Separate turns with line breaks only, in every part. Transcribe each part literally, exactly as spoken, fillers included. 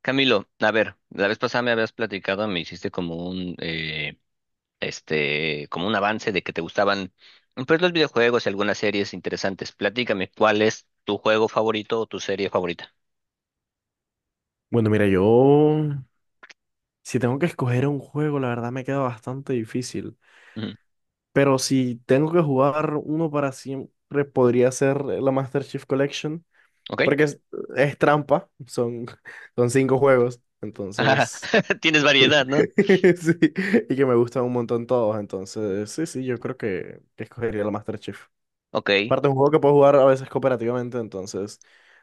Camilo, a ver, la vez pasada me habías platicado, me hiciste como un, eh, este, como un avance de que te gustaban, pues, los videojuegos y algunas series interesantes. Platícame, ¿cuál es tu juego favorito o tu serie favorita?
Bueno, mira, yo si tengo que escoger un juego, la verdad me queda bastante difícil.
Ujú.
Pero si tengo que jugar uno para siempre, podría ser la Master Chief Collection,
¿Ok?
porque es, es trampa, son, son cinco juegos, entonces...
Tienes variedad, ¿no?
sí, y que me gustan un montón todos, entonces sí, sí, yo creo que, que escogería la Master Chief.
Ok.
Aparte, es un juego que puedo jugar a veces cooperativamente, entonces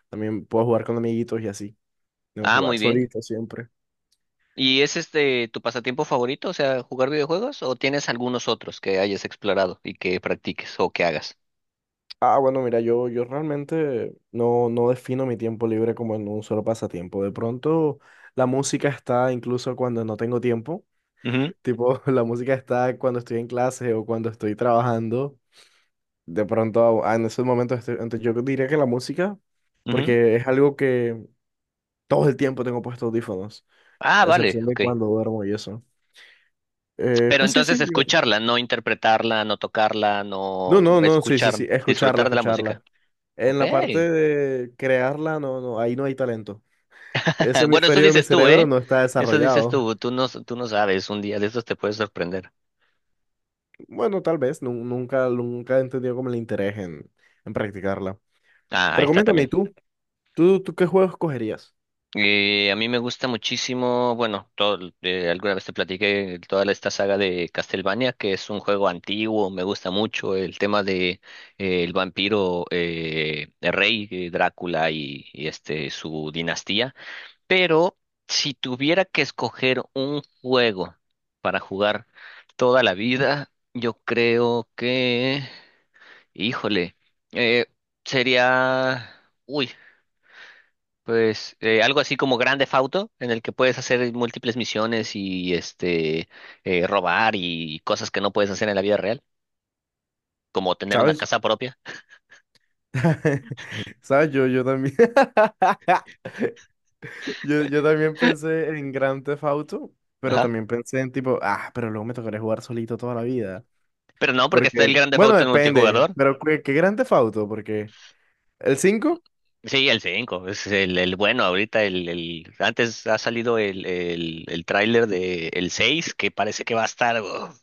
también puedo jugar con amiguitos y así, no
Ah, muy
jugar
bien.
solito siempre.
¿Y es este tu pasatiempo favorito, o sea, jugar videojuegos, o tienes algunos otros que hayas explorado y que practiques o que hagas?
Ah, bueno, mira, yo, yo realmente no, no defino mi tiempo libre como en un solo pasatiempo. De pronto, la música está incluso cuando no tengo tiempo.
Ujú,
Tipo, la música está cuando estoy en clase o cuando estoy trabajando. De pronto, ah, en esos momentos, estoy- entonces yo diría que la música,
ujú.
porque es algo que todo el tiempo tengo puestos audífonos,
Ah,
a
vale,
excepción de
ok.
cuando duermo y eso. Eh,
Pero
pues sí, sí,
entonces
yo.
escucharla, no interpretarla, no tocarla, no
No, no, no, sí, sí,
escuchar,
sí, escucharla,
disfrutar de la música.
escucharla. En
Ok.
la parte de crearla, no, no, ahí no hay talento. Ese
Bueno, eso
hemisferio de mi
dices tú,
cerebro
¿eh?
no está
Eso dices
desarrollado.
tú. Tú no, tú no sabes. Un día de estos te puedes sorprender.
Bueno, tal vez, nu- nunca, nunca he entendido como el interés en, en practicarla.
Ah, ahí
Pero
está
coméntame, ¿y
también.
tú? ¿Tú, tú qué juegos cogerías?
Eh, a mí me gusta muchísimo, bueno, todo, eh, alguna vez te platiqué toda la- esta saga de Castlevania, que es un juego antiguo, me gusta mucho el tema de eh, el vampiro, eh, el rey, eh, Drácula, y, y este su dinastía. Pero si tuviera que escoger un juego para jugar toda la vida, yo creo que, híjole, eh, sería, uy, pues eh, algo así como Grand Theft Auto, en el que puedes hacer múltiples misiones y este eh, robar y cosas que no puedes hacer en la vida real, como tener una
¿Sabes?
casa propia.
¿Sabes? Yo, yo también. Yo, yo también pensé en Grand Theft Auto, pero
Ajá.
también pensé en tipo, ah, pero luego me tocaría jugar solito toda la vida.
Pero no, porque está el
Porque,
Grand Theft
bueno,
Auto en
depende,
multijugador.
pero ¿qué, qué Grand Theft Auto? Porque, ¿el cinco?
Sí, el cinco es el, el bueno ahorita, el, el- antes ha salido el, el, el tráiler de el seis, que parece que va a estar, uf.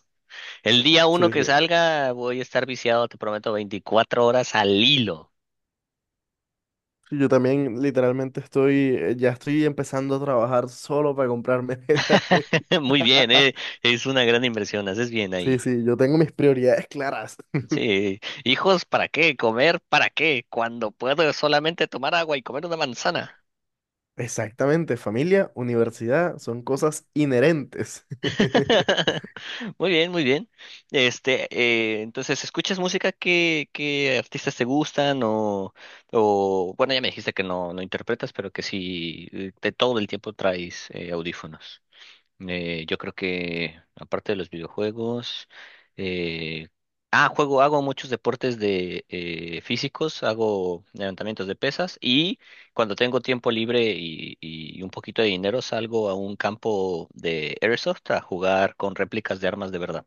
El día uno
Sí,
que
sí.
salga voy a estar viciado, te prometo, veinticuatro horas al hilo.
Sí, yo también literalmente estoy, eh, ya estoy empezando a trabajar solo para comprarme metas.
Muy bien, eh, es una gran inversión, haces bien
Sí,
ahí.
sí, yo tengo mis prioridades claras.
Sí, hijos, ¿para qué? ¿Comer? ¿Para qué? Cuando puedo solamente tomar agua y comer una manzana.
Exactamente, familia, universidad, son cosas inherentes.
Muy bien, muy bien. Este, eh, entonces, ¿escuchas música? ¿Qué, qué artistas te gustan? O, o, bueno, ya me dijiste que no, no interpretas, pero que sí, eh, de todo el tiempo traes eh, audífonos. Eh, yo creo que aparte de los videojuegos, eh, ah, juego, hago muchos deportes de eh, físicos, hago levantamientos de pesas y cuando tengo tiempo libre y, y un poquito de dinero salgo a un campo de airsoft a jugar con réplicas de armas de verdad.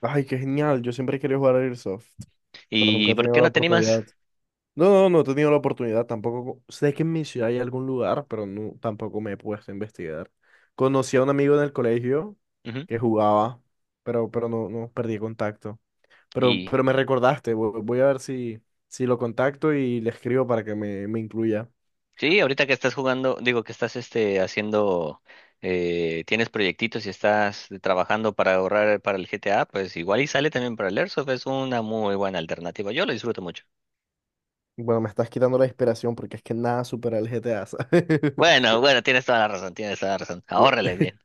Ay, qué genial, yo siempre he querido jugar a Airsoft, pero nunca
¿Y
he
por
tenido
qué
la
no te animas?
oportunidad. No, no, no he tenido la oportunidad, tampoco sé que en mi ciudad hay algún lugar, pero no, tampoco me he puesto a investigar. Conocí a un amigo en el colegio
Ujú.
que jugaba, pero, pero no, no perdí contacto. Pero, pero me recordaste, vo- voy a ver si, si lo contacto y le escribo para que me, me incluya.
Sí, ahorita que estás jugando, digo que estás este haciendo, eh, tienes proyectitos y estás trabajando para ahorrar para el G T A, pues igual y sale también para el Airsoft, es una muy buena alternativa. Yo lo disfruto mucho.
Bueno, me estás quitando la inspiración porque es que nada supera el G T A, ¿sabes?
Bueno, bueno, tienes toda la razón, tienes toda la razón.
Bu-
Ahórrele bien.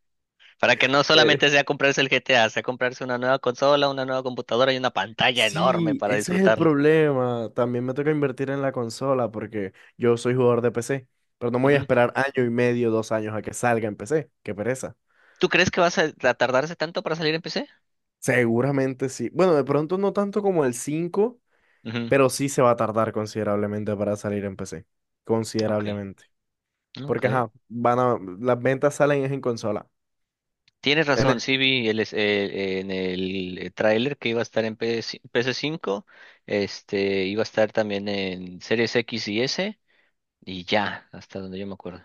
Para que no solamente
eh,
sea comprarse el G T A, sea comprarse una nueva consola, una nueva computadora y una pantalla enorme
sí,
para
ese es el
disfrutarlo.
problema. También me toca invertir en la consola porque yo soy jugador de P C, pero no me voy a
Ujú.
esperar año y medio, dos años a que salga en P C. Qué pereza.
¿Tú crees que vas a a tardarse tanto para salir en P C?
Seguramente sí. Bueno, de pronto no tanto como el cinco,
Ujú.
pero sí se va a tardar considerablemente para salir en P C.
Ok,
Considerablemente.
ok.
Porque, ajá, van a, las ventas salen es en consola.
Tienes
En- e,
razón, sí vi el, es- eh, en el tráiler que iba a estar en PlayStation cinco este, iba a estar también en Series X y S, y ya, hasta donde yo me acuerdo.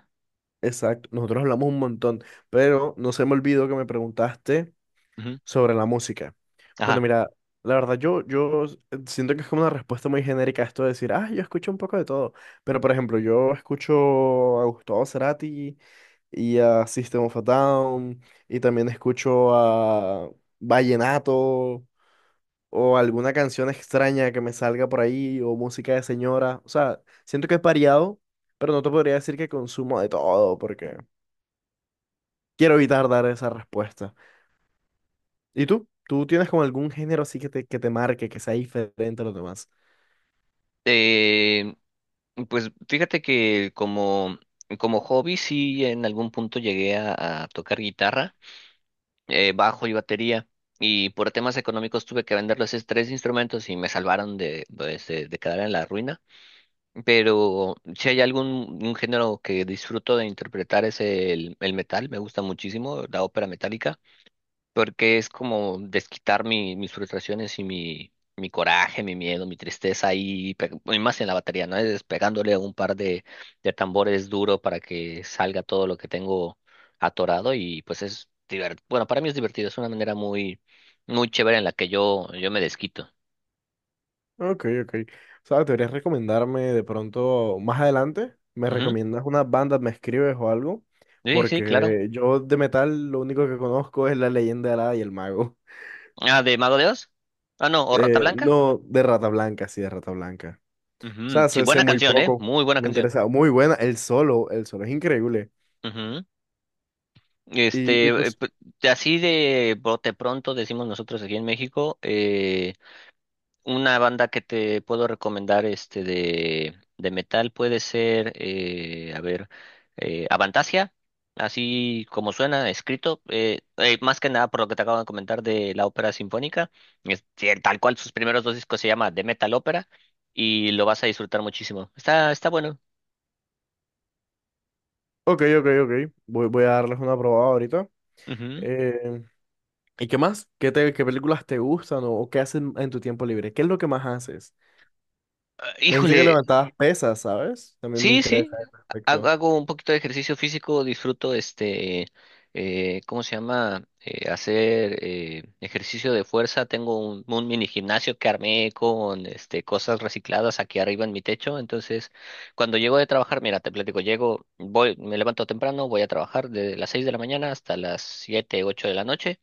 exacto, nosotros hablamos un montón, pero no se me olvidó que me preguntaste
Ujú.
sobre la música. Bueno,
Ajá.
mira, la verdad yo, yo s- siento que es como una respuesta muy genérica esto de decir, ah, yo escucho un poco de todo. Pero, por ejemplo, yo escucho a Gustavo Cerati y a System of a Down, y también escucho a Vallenato, o alguna canción extraña que me salga por ahí, o música de señora. O sea, siento que es variado, pero no te podría decir que consumo de todo, porque quiero evitar dar esa respuesta. ¿Y tú? ¿Tú tienes como algún género así que te, que te marque, que sea diferente a los demás?
Eh, pues fíjate que como, como hobby sí en algún punto llegué a, a tocar guitarra, eh, bajo y batería, y por temas económicos tuve que vender los tres instrumentos y me salvaron de, pues, de de quedar en la ruina. Pero si hay algún un género que disfruto de interpretar es el, el metal, me gusta muchísimo la ópera metálica, porque es como desquitar mi- mis frustraciones y mi, mi coraje, mi miedo, mi tristeza ahí, pe- y más en la batería, ¿no? Es pegándole un par de, de tambores duro para que salga todo lo que tengo atorado y pues es divertido. Bueno, para mí es divertido, es una manera muy, muy chévere en la que yo, yo me desquito.
Ok, ok. O sea, ¿deberías recomendarme de pronto más adelante? ¿Me
Ujú.
recomiendas una banda? ¿Me escribes o algo?
Sí, sí, claro.
Porque yo de metal lo único que conozco es la leyenda de Alada y el mago.
Ah, ¿de Mago de Oz? Ah, no, o Rata
Eh,
Blanca.
no de Rata Blanca, Sí, de Rata Blanca.
Ujú.
Sea,
Sí,
sé, sé
buena
muy
canción, ¿eh?
poco.
Muy buena
Me
canción.
interesa. Muy buena. El solo, el solo es increíble.
Ujú.
Y,
Este,
y
eh,
pues,
p- de así de bote pronto decimos nosotros aquí en México, eh, una banda que te puedo recomendar este de, de metal puede ser, eh, a ver, eh, Avantasia, así como suena, escrito, eh, eh, más que nada por lo que te acabo de comentar de la ópera sinfónica, es- sí, tal cual sus primeros dos discos se llama The Metal Opera y lo vas a disfrutar muchísimo. Está, está bueno.
ok, ok, ok. Voy, voy a darles una probada ahorita.
Ujú.
Eh, ¿Y qué más? ¿Qué, te- qué películas te gustan o, o qué haces en tu tiempo libre? ¿Qué es lo que más haces?
Ah,
Me dijiste que
híjole.
levantabas pesas, ¿sabes? También me
Sí,
interesa
sí,
ese
hago,
aspecto.
hago un poquito de ejercicio físico, disfruto este, eh, ¿cómo se llama? Eh, hacer eh, ejercicio de fuerza. Tengo un, un mini gimnasio que armé con este, cosas recicladas aquí arriba en mi techo. Entonces, cuando llego de trabajar, mira, te platico, llego, voy, me levanto temprano, voy a trabajar de las seis de la mañana hasta las siete, ocho de la noche.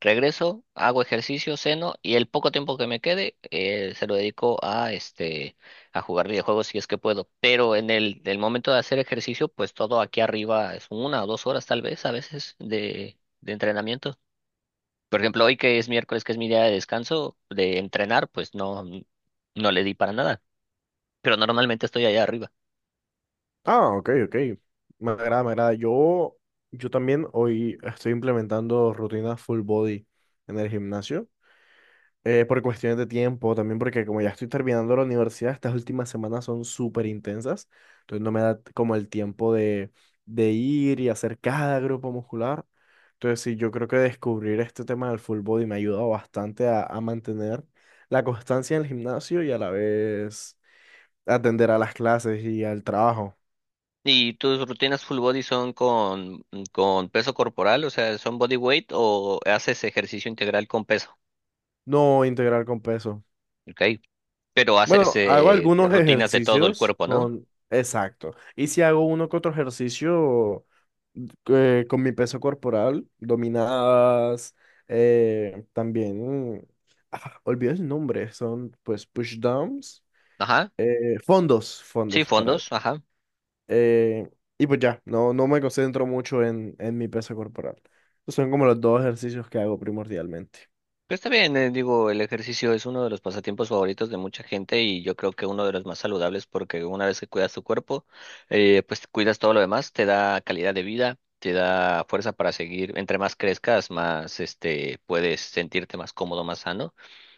Regreso, hago ejercicio, ceno y el poco tiempo que me quede eh, se lo dedico a este a jugar videojuegos si es que puedo, pero en el, el momento de hacer ejercicio, pues todo aquí arriba es una o dos horas tal vez a veces de, de entrenamiento. Por ejemplo, hoy que es miércoles, que es mi día de descanso, de entrenar, pues no, no le di para nada, pero normalmente estoy allá arriba.
Ah, ok, ok. Me agrada, me agrada. Yo, yo también hoy estoy implementando rutinas full body en el gimnasio. Eh, por cuestiones de tiempo, también porque como ya estoy terminando la universidad, estas últimas semanas son súper intensas, entonces no me da como el tiempo de, de ir y hacer cada grupo muscular. Entonces sí, yo creo que descubrir este tema del full body me ha ayudado bastante a, a mantener la constancia en el gimnasio y a la vez atender a las clases y al trabajo.
¿Y tus rutinas full body son con, con peso corporal, o sea, son body weight o haces ejercicio integral con peso?
No integrar con peso.
Ok, pero haces
Bueno, hago
eh,
algunos
rutinas de todo el
ejercicios
cuerpo, ¿no?
con... Exacto. Y si hago uno que otro ejercicio eh, con mi peso corporal, dominadas, eh, también, ah, olvido el nombre, son pues push downs,
Ajá,
eh, fondos,
sí,
fondos para,
fondos, ajá.
eh, y pues ya, no, no me concentro mucho en, en mi peso corporal. Esos son como los dos ejercicios que hago primordialmente.
Pues está bien, eh, digo, el ejercicio es uno de los pasatiempos favoritos de mucha gente y yo creo que uno de los más saludables porque una vez que cuidas tu cuerpo, eh, pues cuidas todo lo demás, te da calidad de vida, te da fuerza para seguir. Entre más crezcas, más este puedes sentirte más cómodo, más sano.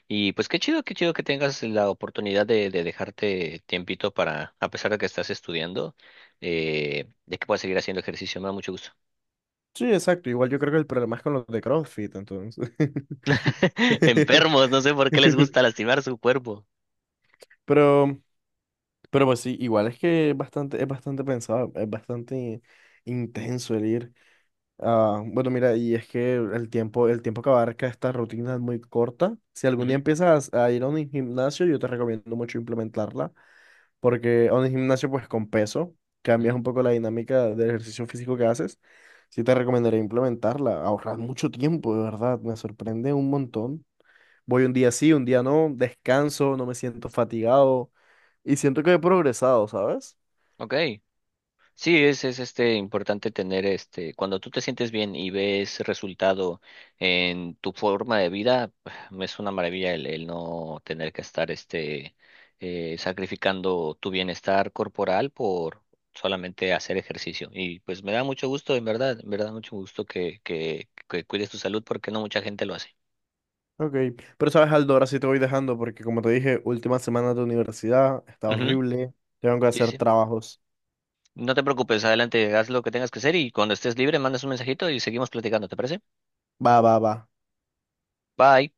Y pues qué chido, qué chido que tengas la oportunidad de, de dejarte tiempito para, a pesar de que estás estudiando, eh, de que puedas seguir haciendo ejercicio. Me da mucho gusto.
Sí, exacto, igual yo creo que el problema es con los de CrossFit, entonces.
Enfermos, no sé por qué les gusta lastimar su cuerpo.
Pero, pero pues sí, igual es que es bastante, es bastante pensado, es bastante intenso el ir. Ah, bueno, mira, y es que el tiempo, el tiempo que abarca esta rutina es muy corta. Si algún día
Ujú,
empiezas a ir a un gimnasio, yo te recomiendo mucho implementarla, porque a un gimnasio, pues con peso, cambias
ujú.
un poco la dinámica del ejercicio físico que haces. Sí te recomendaría implementarla, ahorras mucho tiempo, de verdad, me sorprende un montón. Voy un día sí, un día no, descanso, no me siento fatigado y siento que he progresado, ¿sabes?
Ok. Sí, es, es este importante tener este, cuando tú te sientes bien y ves resultado en tu forma de vida, es una maravilla el, el no tener que estar este eh, sacrificando tu bienestar corporal por solamente hacer ejercicio. Y pues me da mucho gusto, en verdad, en verdad mucho gusto que, que, que cuides tu salud porque no mucha gente lo hace.
Ok, pero sabes, Aldo, ahora sí te voy dejando porque como te dije, última semana de universidad, está
Ujú.
horrible, tengo que
Sí,
hacer
sí.
trabajos.
No te preocupes, adelante, haz lo que tengas que hacer y cuando estés libre, mandas un mensajito y seguimos platicando, ¿te parece?
Va, va, va.
Bye.